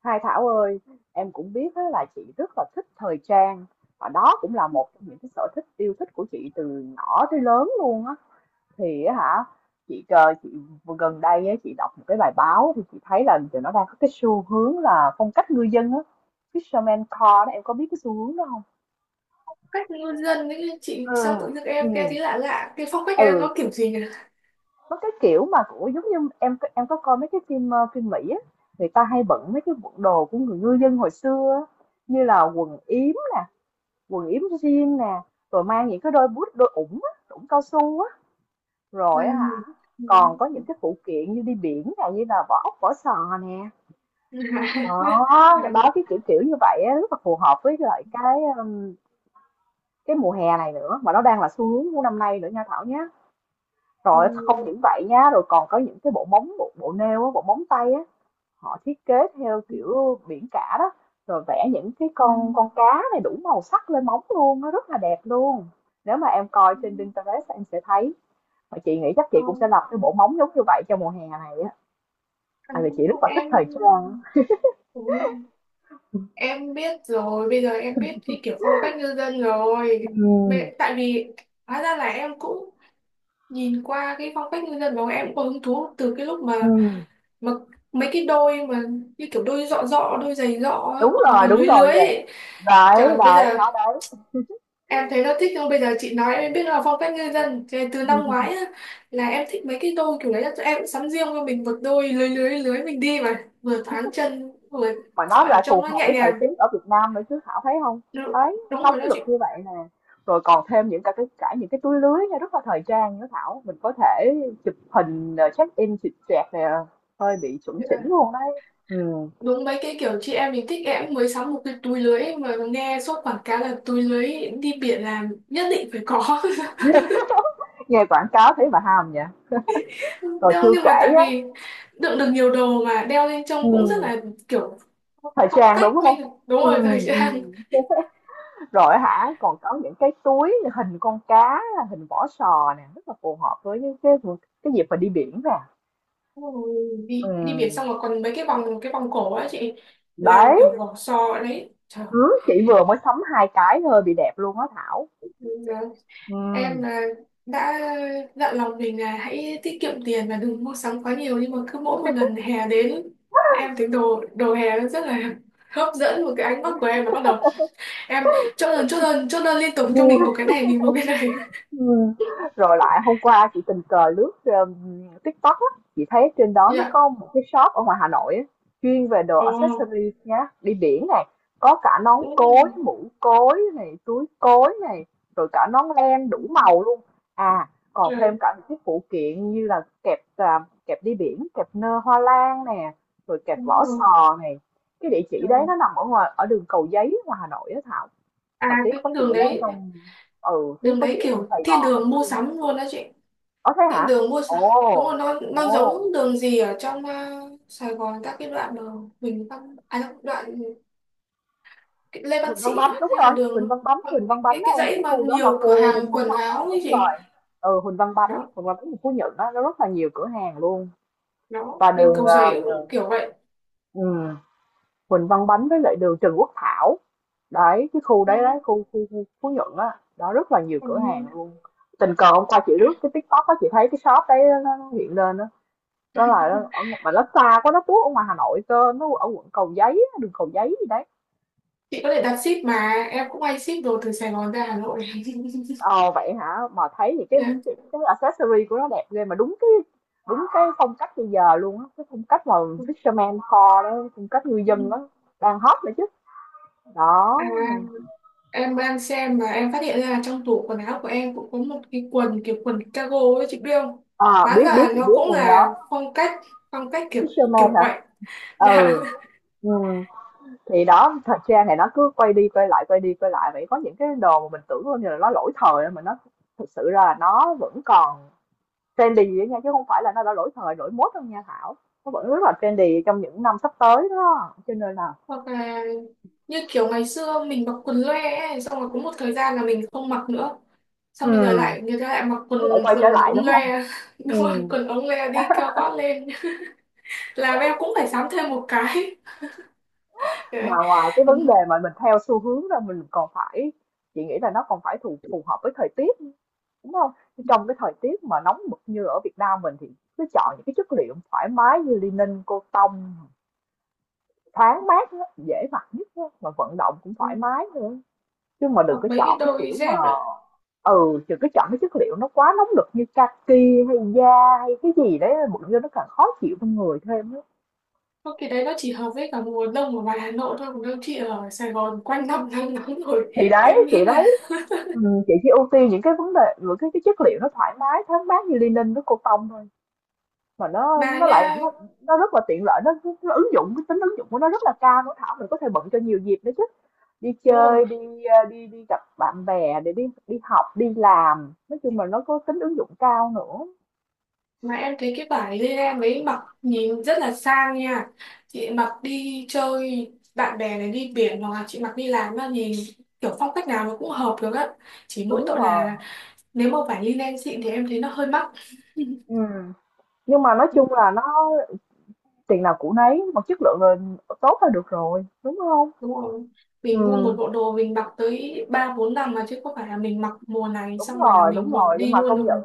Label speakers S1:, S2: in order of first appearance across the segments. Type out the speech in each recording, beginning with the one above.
S1: Hai Thảo ơi, em cũng biết á, là chị rất là thích thời trang và đó cũng là một trong những cái sở thích yêu thích của chị từ nhỏ tới lớn luôn á. Thì á hả, chị vừa gần đây á, chị đọc một cái bài báo thì chị thấy là giờ nó đang có cái xu hướng là phong cách ngư dân á, fisherman core đó, em có biết cái xu hướng đó không?
S2: Cách ngôn dân ấy chị, sao tự dưng em nghe thấy lạ lạ, cái phong cách
S1: Ừ,
S2: em nó kiểu gì nhỉ?
S1: nó cái kiểu mà của giống như em có coi mấy cái phim phim Mỹ á, người ta hay bận mấy cái bộ đồ của người ngư dân hồi xưa á, như là quần yếm, quần yếm jean nè, rồi mang những cái đôi boot, đôi ủng á, ủng cao su á,
S2: Ừ.
S1: rồi á hả,
S2: Ừ.
S1: còn có những cái phụ kiện như đi biển nè, như là vỏ ốc, vỏ sò nè,
S2: À.
S1: đó
S2: À.
S1: đó, cái kiểu kiểu như vậy á, rất là phù hợp với lại cái mùa hè này nữa, mà nó đang là xu hướng của năm nay nữa nha Thảo nhé.
S2: Ừ.
S1: Rồi không những vậy nha, rồi còn có những cái bộ móng bộ, bộ nêu á, bộ móng tay á, họ thiết kế theo
S2: Ừ.
S1: kiểu biển cả đó, rồi vẽ những cái
S2: Ừ.
S1: con cá này đủ màu sắc lên móng luôn, nó rất là đẹp luôn. Nếu mà em coi
S2: Ừ.
S1: trên Pinterest em sẽ thấy, mà chị nghĩ chắc chị
S2: Ờ,
S1: cũng sẽ lập cái bộ móng giống như vậy cho mùa hè này á,
S2: à,
S1: tại vì chị rất là thích
S2: em
S1: thời trang.
S2: ừ, em biết rồi, bây giờ em biết cái kiểu phong cách ngư dân rồi.
S1: Ừ,
S2: Tại vì hóa ra là em cũng nhìn qua cái phong cách ngư dân đó, em cũng có hứng thú từ cái lúc
S1: ừ.
S2: mà mấy cái đôi mà như kiểu đôi dọ dọ, đôi giày dọ á,
S1: Đúng
S2: hoặc là
S1: rồi
S2: lưới
S1: đúng rồi,
S2: lưới
S1: vậy
S2: ấy.
S1: đấy
S2: Trời, bây
S1: đấy,
S2: giờ
S1: nó đấy.
S2: em thấy là thích, nhưng bây giờ chị nói em biết là phong cách ngư dân thế từ năm ngoái á, là em thích mấy cái đôi kiểu đấy, là tụi em cũng sắm riêng cho mình một đôi lưới lưới lưới mình đi mà vừa thoáng chân vừa
S1: Mà nó
S2: gọi là
S1: lại
S2: trông
S1: phù
S2: nó
S1: hợp
S2: nhẹ
S1: với thời
S2: nhàng.
S1: tiết ở Việt Nam nữa chứ Thảo thấy không?
S2: Đúng,
S1: Đấy,
S2: đúng
S1: nóng
S2: rồi đó
S1: nực
S2: chị.
S1: như vậy nè, rồi còn thêm những cả cái cả những cái túi lưới nghe rất là thời trang nữa Thảo, mình có thể chụp hình, check-in chụp choẹt nè, hơi bị chuẩn
S2: Thế
S1: chỉnh
S2: là
S1: luôn đấy. Ừm.
S2: đúng mấy cái kiểu chị em mình thích, em cũng mới sắm một cái túi lưới mà nghe suốt quảng cáo là túi lưới đi biển là nhất định phải có.
S1: Nghe quảng cáo thấy mà ham vậy. Rồi
S2: Đeo
S1: chưa
S2: nhưng mà
S1: kể
S2: tại
S1: á,
S2: vì đựng được nhiều đồ mà đeo lên trông cũng rất
S1: ừm,
S2: là kiểu
S1: thời
S2: phong
S1: trang, đúng
S2: cách
S1: không?
S2: mình, đúng
S1: Ừm,
S2: rồi, thời trang.
S1: ừm, rồi hả, còn có những cái túi hình con cá, hình vỏ sò nè, rất là phù hợp với cái dịp mà đi biển nè.
S2: Ôi, đi đi biển xong
S1: Ừm,
S2: mà còn mấy cái vòng cổ á chị, làm
S1: đấy.
S2: kiểu vỏ sò đấy trời.
S1: Hứ, chị vừa mới sắm 2 cái thôi, bị đẹp luôn á Thảo.
S2: Giờ em
S1: Ừm.
S2: là đã dặn lòng mình là hãy tiết kiệm tiền và đừng mua sắm quá nhiều, nhưng mà cứ mỗi một lần hè đến em thấy đồ đồ hè nó rất là hấp dẫn, một cái ánh mắt của em là bắt đầu em chốt đơn chốt đơn chốt đơn liên tục, cho mình một cái này, mình một cái này.
S1: Ừm, rồi lại hôm qua chị tình cờ lướt, TikTok á, chị thấy trên đó nó
S2: Dạ.
S1: có một cái shop ở ngoài Hà Nội á, chuyên về đồ
S2: Ồ.
S1: accessories nhá, đi biển này, có cả nón cối,
S2: Oh.
S1: mũ cối này, túi cối này, rồi cả nón len đủ màu luôn. À, còn thêm
S2: Trời.
S1: cả những cái phụ kiện như là kẹp à, kẹp đi biển, kẹp nơ hoa lan nè, rồi kẹp
S2: Không,
S1: vỏ
S2: không.
S1: sò này. Cái địa chỉ
S2: Trời.
S1: đấy nó nằm ở ngoài ở đường Cầu Giấy ngoài Hà Nội á Thảo.
S2: À
S1: Hồi tiếc
S2: cái
S1: có chị
S2: đường
S1: là ở
S2: đấy,
S1: trong, ừ, tiếc
S2: đường
S1: có chị
S2: đấy
S1: ở trong
S2: kiểu
S1: Sài
S2: thiên
S1: Gòn á
S2: đường
S1: chứ.
S2: mua sắm luôn đó chị,
S1: Ở thế
S2: thiên
S1: hả?
S2: đường mua sắm. Đúng
S1: Ồ,
S2: rồi, nó
S1: ồ,
S2: giống đường gì ở trong à, Sài Gòn, các cái đoạn đường Huỳnh Văn à đâu, đoạn cái Lê Văn
S1: Huỳnh Văn
S2: Sĩ
S1: Bánh
S2: à,
S1: đúng
S2: hay là
S1: rồi, Huỳnh
S2: đường
S1: Văn Bánh, Huỳnh
S2: còn
S1: Văn Bánh
S2: cái
S1: á em,
S2: dãy
S1: cái
S2: mà
S1: khu đó là
S2: nhiều cửa
S1: khu
S2: hàng
S1: mua
S2: quần
S1: sắm á,
S2: áo ấy
S1: đúng rồi.
S2: chị.
S1: Ừ, Huỳnh Văn Bánh,
S2: Đó.
S1: Huỳnh Văn Bánh ở Phú Nhuận đó, nó rất là nhiều cửa hàng luôn.
S2: Đó,
S1: Và
S2: bên
S1: đường
S2: Cầu Giấy cũng kiểu vậy.
S1: ừ, Huỳnh Văn Bánh với lại đường Trần Quốc Thảo. Đấy, cái khu đấy
S2: Ừ,
S1: đấy, khu khu, khu Phú Nhuận á, đó rất là nhiều
S2: ừ.
S1: cửa hàng luôn. Tình cờ hôm qua chị lướt cái TikTok á, chị thấy cái shop đấy nó hiện lên á. Đó là nó ở mà nó xa quá, nó tuốt ở ngoài Hà Nội cơ, nó ở quận Cầu Giấy, á, đường Cầu Giấy gì đấy.
S2: Chị có thể đặt ship, mà em cũng hay ship đồ từ Sài Gòn ra Hà Nội.
S1: Ờ vậy hả? Mà thấy thì
S2: Yeah.
S1: cái accessory của nó đẹp ghê mà đúng cái phong cách bây giờ luôn á, cái phong cách mà fisherman kho đó, phong cách ngư dân
S2: Ừ.
S1: đó, đang hot nữa chứ. Đó.
S2: À, em đang xem và em phát hiện ra là trong tủ quần áo của em cũng có một cái quần kiểu quần cargo ấy, chị biết không?
S1: À
S2: Hóa
S1: biết biết,
S2: ra
S1: chị
S2: nó
S1: biết
S2: cũng
S1: luôn đó.
S2: là phong cách, phong cách kiểu,
S1: Fisherman
S2: kiểu
S1: hả?
S2: vậy. Dạ.
S1: Ừ. Ừ. Thì đó, thời trang này nó cứ quay đi quay lại, vậy có những cái đồ mà mình tưởng như là nó lỗi thời mà nó thực sự ra là nó vẫn còn trendy đó nha, chứ không phải là nó đã lỗi thời lỗi mốt đâu nha Thảo, nó vẫn rất là trendy trong những năm sắp tới đó, cho nên là.
S2: Hoặc là như kiểu ngày xưa mình mặc quần loe ấy, xong rồi có một thời gian là mình không mặc nữa,
S1: Ừ,
S2: xong bây giờ lại người ta lại mặc quần,
S1: nó lại quay trở
S2: quần
S1: lại
S2: ống
S1: đúng không?
S2: loe. Đúng
S1: Ừ,
S2: rồi, quần ống loe đi cao gót lên. Làm em cũng phải sắm thêm một cái.
S1: mà
S2: Đấy.
S1: ngoài cái
S2: Ừ.
S1: vấn đề mà mình theo xu hướng ra mình còn phải, chị nghĩ là nó còn phải phù phù hợp với thời tiết, đúng không? Trong cái thời tiết mà nóng bực như ở Việt Nam mình thì cứ chọn những cái chất liệu thoải mái như linen, cotton, thoáng mát á, dễ mặc nhất á, mà vận động cũng thoải mái nữa, chứ mà đừng
S2: Hoặc
S1: có
S2: mấy cái
S1: chọn cái
S2: đôi
S1: kiểu mà,
S2: dép.
S1: ừ, đừng có chọn cái chất liệu nó quá nóng nực như kaki hay da hay cái gì đấy bụng vô nó càng khó chịu trong người thêm á.
S2: Không, cái đấy nó chỉ hợp với cả mùa đông ở ngoài Hà Nội thôi, còn đâu chị ở Sài Gòn quanh năm nắng nóng rồi,
S1: Thì
S2: em
S1: đấy
S2: nghĩ
S1: từ
S2: là
S1: đấy, ừ, chị chỉ ưu tiên những cái vấn đề, những cái chất liệu nó thoải mái thoáng mát như linen với cotton thôi, mà
S2: mà nha.
S1: nó rất là tiện lợi, nó ứng dụng, cái tính ứng dụng của nó rất là cao, nó Thảo, mình có thể bận cho nhiều dịp nữa chứ, đi
S2: Đúng rồi,
S1: chơi, đi đi gặp bạn bè, để đi đi học đi làm, nói chung là nó có tính ứng dụng cao nữa.
S2: mà em thấy cái vải lê mấy mặc nhìn rất là sang nha, chị mặc đi chơi bạn bè này, đi biển, hoặc là chị mặc đi làm mà nhìn kiểu phong cách nào nó cũng hợp được á, chỉ mỗi
S1: Đúng
S2: tội
S1: rồi,
S2: là nếu mà vải linen xịn thì em thấy nó hơi mắc.
S1: ừ, nhưng mà nói
S2: Đúng,
S1: chung là nó tiền nào của nấy, mà chất lượng là tốt là được rồi đúng không?
S2: đúng rồi, mình mua một
S1: Ừ,
S2: bộ đồ mình mặc tới 3 4 năm mà, chứ không phải là mình mặc mùa này
S1: đúng
S2: xong rồi là
S1: rồi đúng
S2: mình bỏ
S1: rồi, nhưng
S2: đi
S1: mà
S2: luôn
S1: công
S2: đâu
S1: nhận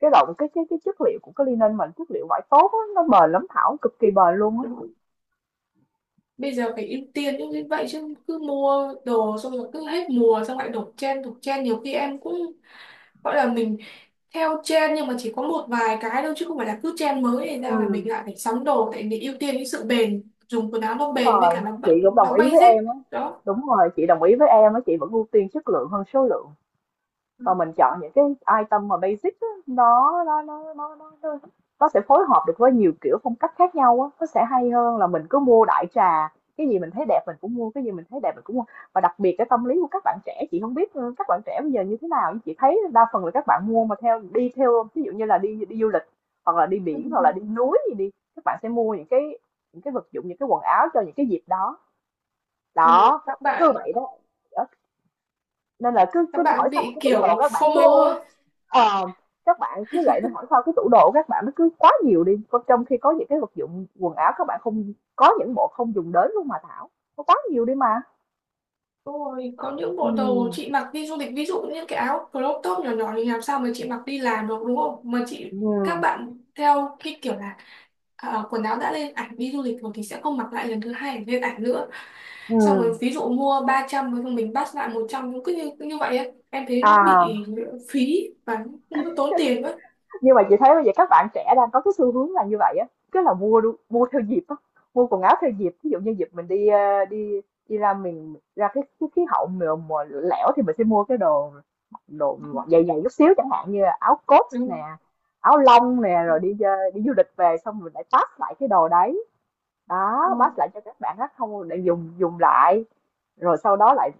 S1: cái chất liệu của cái linen, mình chất liệu vải tốt á, nó bền lắm Thảo, cực kỳ bền luôn á.
S2: mà. Bây giờ phải ưu tiên những cái vậy, chứ cứ mua đồ xong rồi cứ hết mùa xong lại đổ trend đổ trend, nhiều khi em cũng gọi là mình theo trend, nhưng mà chỉ có một vài cái thôi, chứ không phải là cứ trend mới này ra là
S1: Ừ,
S2: mình lại phải sắm đồ, tại vì ưu tiên cái sự bền, dùng quần áo nó
S1: đúng
S2: bền với
S1: rồi
S2: cả nó
S1: chị cũng
S2: bận nó
S1: đồng ý với
S2: basic.
S1: em á.
S2: Đó.
S1: Đúng rồi, chị đồng ý với em á, chị vẫn ưu tiên chất lượng hơn số lượng, và mình chọn những cái item mà basic đó, nó sẽ phối hợp được với nhiều kiểu phong cách khác nhau á, nó sẽ hay hơn là mình cứ mua đại trà, cái gì mình thấy đẹp mình cũng mua, cái gì mình thấy đẹp mình cũng mua và đặc biệt cái tâm lý của các bạn trẻ, chị không biết, ừ, các bạn trẻ bây giờ như thế nào, nhưng chị thấy đa phần là các bạn mua mà theo, đi theo ví dụ như là đi đi du lịch, hoặc là đi biển hoặc là đi núi gì đi, các bạn sẽ mua những cái, những cái vật dụng, những cái quần áo cho những cái dịp đó.
S2: Ừ.
S1: Đó
S2: Các
S1: cứ
S2: bạn,
S1: vậy. Đó. Nên là cứ cứ
S2: các
S1: hỏi
S2: bạn
S1: xong một
S2: bị
S1: cái tủ đồ,
S2: kiểu
S1: các
S2: phô
S1: bạn cứ,
S2: FOMO á.
S1: Ờ, các bạn cứ gậy, nó hỏi sao cái tủ đồ của các bạn nó cứ quá nhiều đi, còn trong khi có những cái vật dụng quần áo, các bạn không có, những bộ không dùng đến luôn mà Thảo, nó quá nhiều đi mà.
S2: Đúng rồi, có những bộ đồ
S1: Ừ.
S2: chị mặc đi du lịch, ví dụ như cái áo crop top nhỏ nhỏ thì làm sao mà chị mặc đi làm được, đúng không? Mà chị các
S1: Ừ.
S2: bạn theo cái kiểu là ờ, quần áo đã lên ảnh đi du lịch rồi thì sẽ không mặc lại lần thứ hai để lên ảnh nữa.
S1: Ừ.
S2: Xong rồi ví dụ mua 300 rồi mình bắt lại 100, cũng cứ như vậy ấy. Em thấy nó
S1: À.
S2: bị phí và cũng tốn tiền ấy.
S1: Nhưng mà chị thấy bây giờ các bạn trẻ đang có cái xu hướng là như vậy á, cứ là mua, mua theo dịp á, mua quần áo theo dịp. Ví dụ như dịp mình đi đi đi ra miền, ra cái khí hậu mùa lẻo thì mình sẽ mua cái đồ, đồ dày dày chút xíu, chẳng hạn như là áo coat
S2: Ừ.
S1: nè, áo lông nè, rồi đi đi du lịch về xong mình lại pass lại cái đồ đấy. Đó, pass
S2: Đó.
S1: lại cho các bạn khác không để dùng dùng lại, rồi sau đó lại,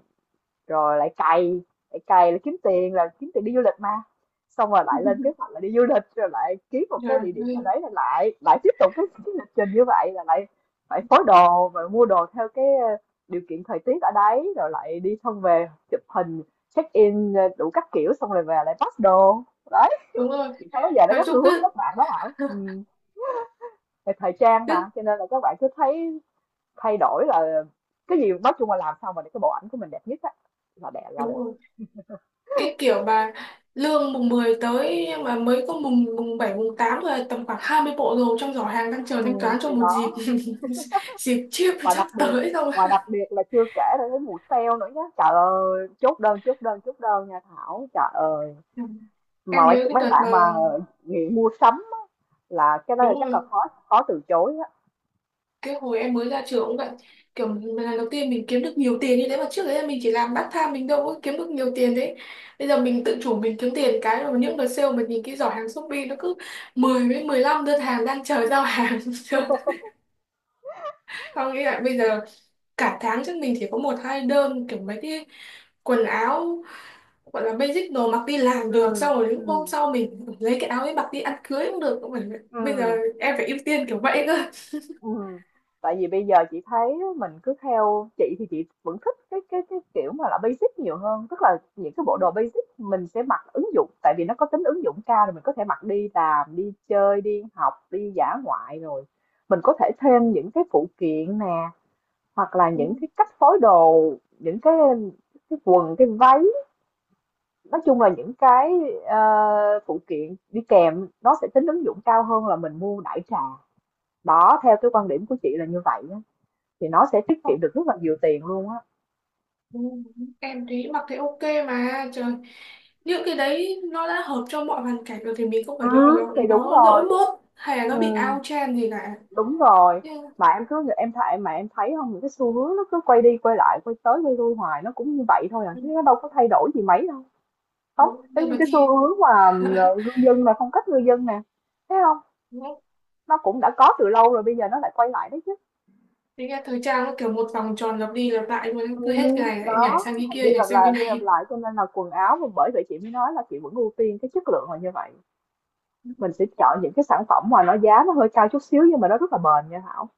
S1: rồi lại cày là kiếm tiền, đi du lịch mà, xong rồi lại lên kế hoạch là đi du lịch, rồi lại kiếm một
S2: Trời
S1: cái địa điểm nào
S2: ơi.
S1: đấy, là lại lại tiếp tục cái lịch trình như vậy, là lại phải phối đồ và mua đồ theo cái điều kiện thời tiết ở đấy, rồi lại đi xong về chụp hình, check in, đủ các kiểu, xong rồi về lại pack đồ. Đấy,
S2: Đúng rồi.
S1: chị thấy bây giờ nó
S2: Nói
S1: có
S2: chung
S1: xu hướng
S2: cứ
S1: các bạn đó Thảo, ừ, về thời trang
S2: cứ
S1: mà, cho nên là các bạn cứ thấy thay đổi là cái gì, nói chung là làm sao mà để cái bộ ảnh của mình đẹp nhất á, là đẹp là
S2: đúng
S1: được.
S2: rồi. Cái kiểu mà lương mùng 10 tới nhưng mà mới có mùng mùng 7 mùng 8 thôi, tầm khoảng 20 bộ đồ trong giỏ hàng đang chờ thanh toán cho
S1: Thì
S2: một
S1: đó,
S2: dịp. Dịp chiếp
S1: và
S2: sắp
S1: đặc biệt
S2: tới rồi.
S1: và đặc biệt là chưa kể là cái mùa sale nữa nhá. Trời ơi, chốt đơn, chốt đơn, chốt đơn nha Thảo. Trời ơi,
S2: Ừ.
S1: mà
S2: Em
S1: mấy
S2: nhớ cái
S1: mấy
S2: đợt mà
S1: bạn mà nghiện mua sắm á, là cái đó
S2: đúng
S1: là chắc là
S2: rồi,
S1: khó khó từ chối á.
S2: cái hồi em mới ra trường cũng vậy, kiểu lần đầu tiên mình kiếm được nhiều tiền như thế, mà trước đấy là mình chỉ làm part time mình đâu có kiếm được nhiều tiền đấy. Bây giờ mình tự chủ mình kiếm tiền cái, rồi những đợt sale mình nhìn cái giỏ hàng Shopee nó cứ 10 với 15 đơn hàng đang chờ giao hàng. Chưa. Không, nghĩ lại bây giờ cả tháng chắc mình chỉ có một hai đơn, kiểu mấy cái quần áo gọi là basic, đồ mặc đi làm được, xong
S1: Ừm,
S2: rồi những hôm
S1: ừm,
S2: sau mình lấy cái áo ấy mặc đi ăn cưới cũng được. Bây giờ
S1: ừm.
S2: em phải ưu tiên kiểu vậy cơ.
S1: Ừ. Tại vì bây giờ chị thấy mình cứ theo, chị thì chị vẫn thích cái kiểu mà là basic nhiều hơn, tức là những cái bộ đồ basic mình sẽ mặc ứng dụng, tại vì nó có tính ứng dụng cao, rồi mình có thể mặc đi làm, đi chơi, đi học, đi dã ngoại, rồi mình có thể thêm những cái phụ kiện nè, hoặc là
S2: Ừ,
S1: những cái cách phối đồ, những cái quần, cái váy, nói chung là những cái ờ, phụ kiện đi kèm, nó sẽ tính ứng dụng cao hơn là mình mua đại trà, đó theo cái quan điểm của chị là như vậy á, thì nó sẽ tiết kiệm
S2: không,
S1: được rất là nhiều tiền luôn á.
S2: ừ, em thấy mặc thấy ok mà trời, những cái đấy nó đã hợp cho mọi hoàn cảnh rồi thì mình không
S1: Ừ,
S2: phải lo nó
S1: thì đúng
S2: nó lỗi
S1: rồi.
S2: mốt hay là nó bị
S1: Ừm.
S2: out trend gì cả.
S1: Đúng rồi,
S2: Nhưng
S1: mà em cứ, em thấy mà, em thấy không, những cái xu hướng nó cứ quay đi quay lại, quay tới quay lui hoài, nó cũng như vậy thôi à,
S2: ừ,
S1: chứ nó đâu có thay đổi gì mấy đâu. Không,
S2: đúng,
S1: giống
S2: nhưng
S1: như
S2: mà
S1: cái xu
S2: thì
S1: hướng mà, ờ, ngư dân mà, phong cách ngư dân nè, thấy không?
S2: đúng không?
S1: Nó cũng đã có từ lâu rồi, bây giờ nó lại quay lại đấy chứ.
S2: Thế nghe thời trang nó kiểu một vòng tròn lặp đi lặp lại luôn,
S1: Ừ,
S2: cứ hết cái này lại nhảy
S1: đó,
S2: sang cái
S1: lặp đi
S2: kia, nhảy
S1: lặp
S2: sang cái
S1: lại,
S2: này.
S1: cho nên là quần áo, bởi vậy chị mới nói là chị vẫn ưu tiên cái chất lượng là như vậy.
S2: Đúng
S1: Mình sẽ chọn những cái sản phẩm mà nó giá nó hơi cao chút xíu, nhưng mà nó rất là bền nha Thảo.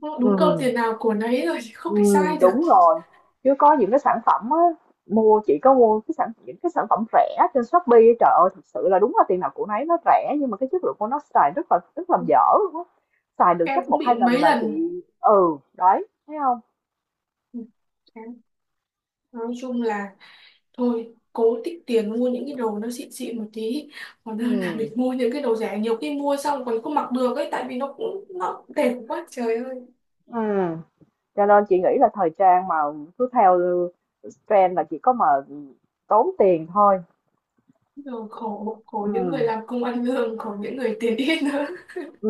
S2: câu, đúng câu
S1: Ừ.
S2: tiền nào của nấy rồi, chứ không
S1: Ừ,
S2: thể sai được.
S1: đúng rồi. Chứ có những cái sản phẩm á, mua chỉ có mua cái sản những cái sản phẩm rẻ trên Shopee, trời ơi, thật sự là đúng là tiền nào của nấy, nó rẻ nhưng mà cái chất lượng của nó xài rất là dở luôn á. Xài được
S2: Em
S1: chắc
S2: cũng
S1: một
S2: bị
S1: hai lần
S2: mấy
S1: là chị,
S2: lần.
S1: đấy thấy không?
S2: Ừ, nói chung là thôi cố tích tiền mua những cái đồ nó xịn xịn một tí, còn hơn là
S1: Ừ.
S2: mình mua những cái đồ rẻ, nhiều khi mua xong còn không mặc được ấy, tại vì nó cũng nó đẹp quá trời ơi.
S1: Ừ. Cho nên chị nghĩ là thời trang mà cứ theo trend là chỉ có mà tốn tiền thôi.
S2: Rồi khổ, khổ
S1: Ừ.
S2: những người làm công ăn lương, khổ những người tiền ít nữa.
S1: Ừ.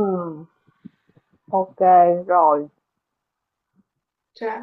S1: OK rồi.
S2: Chả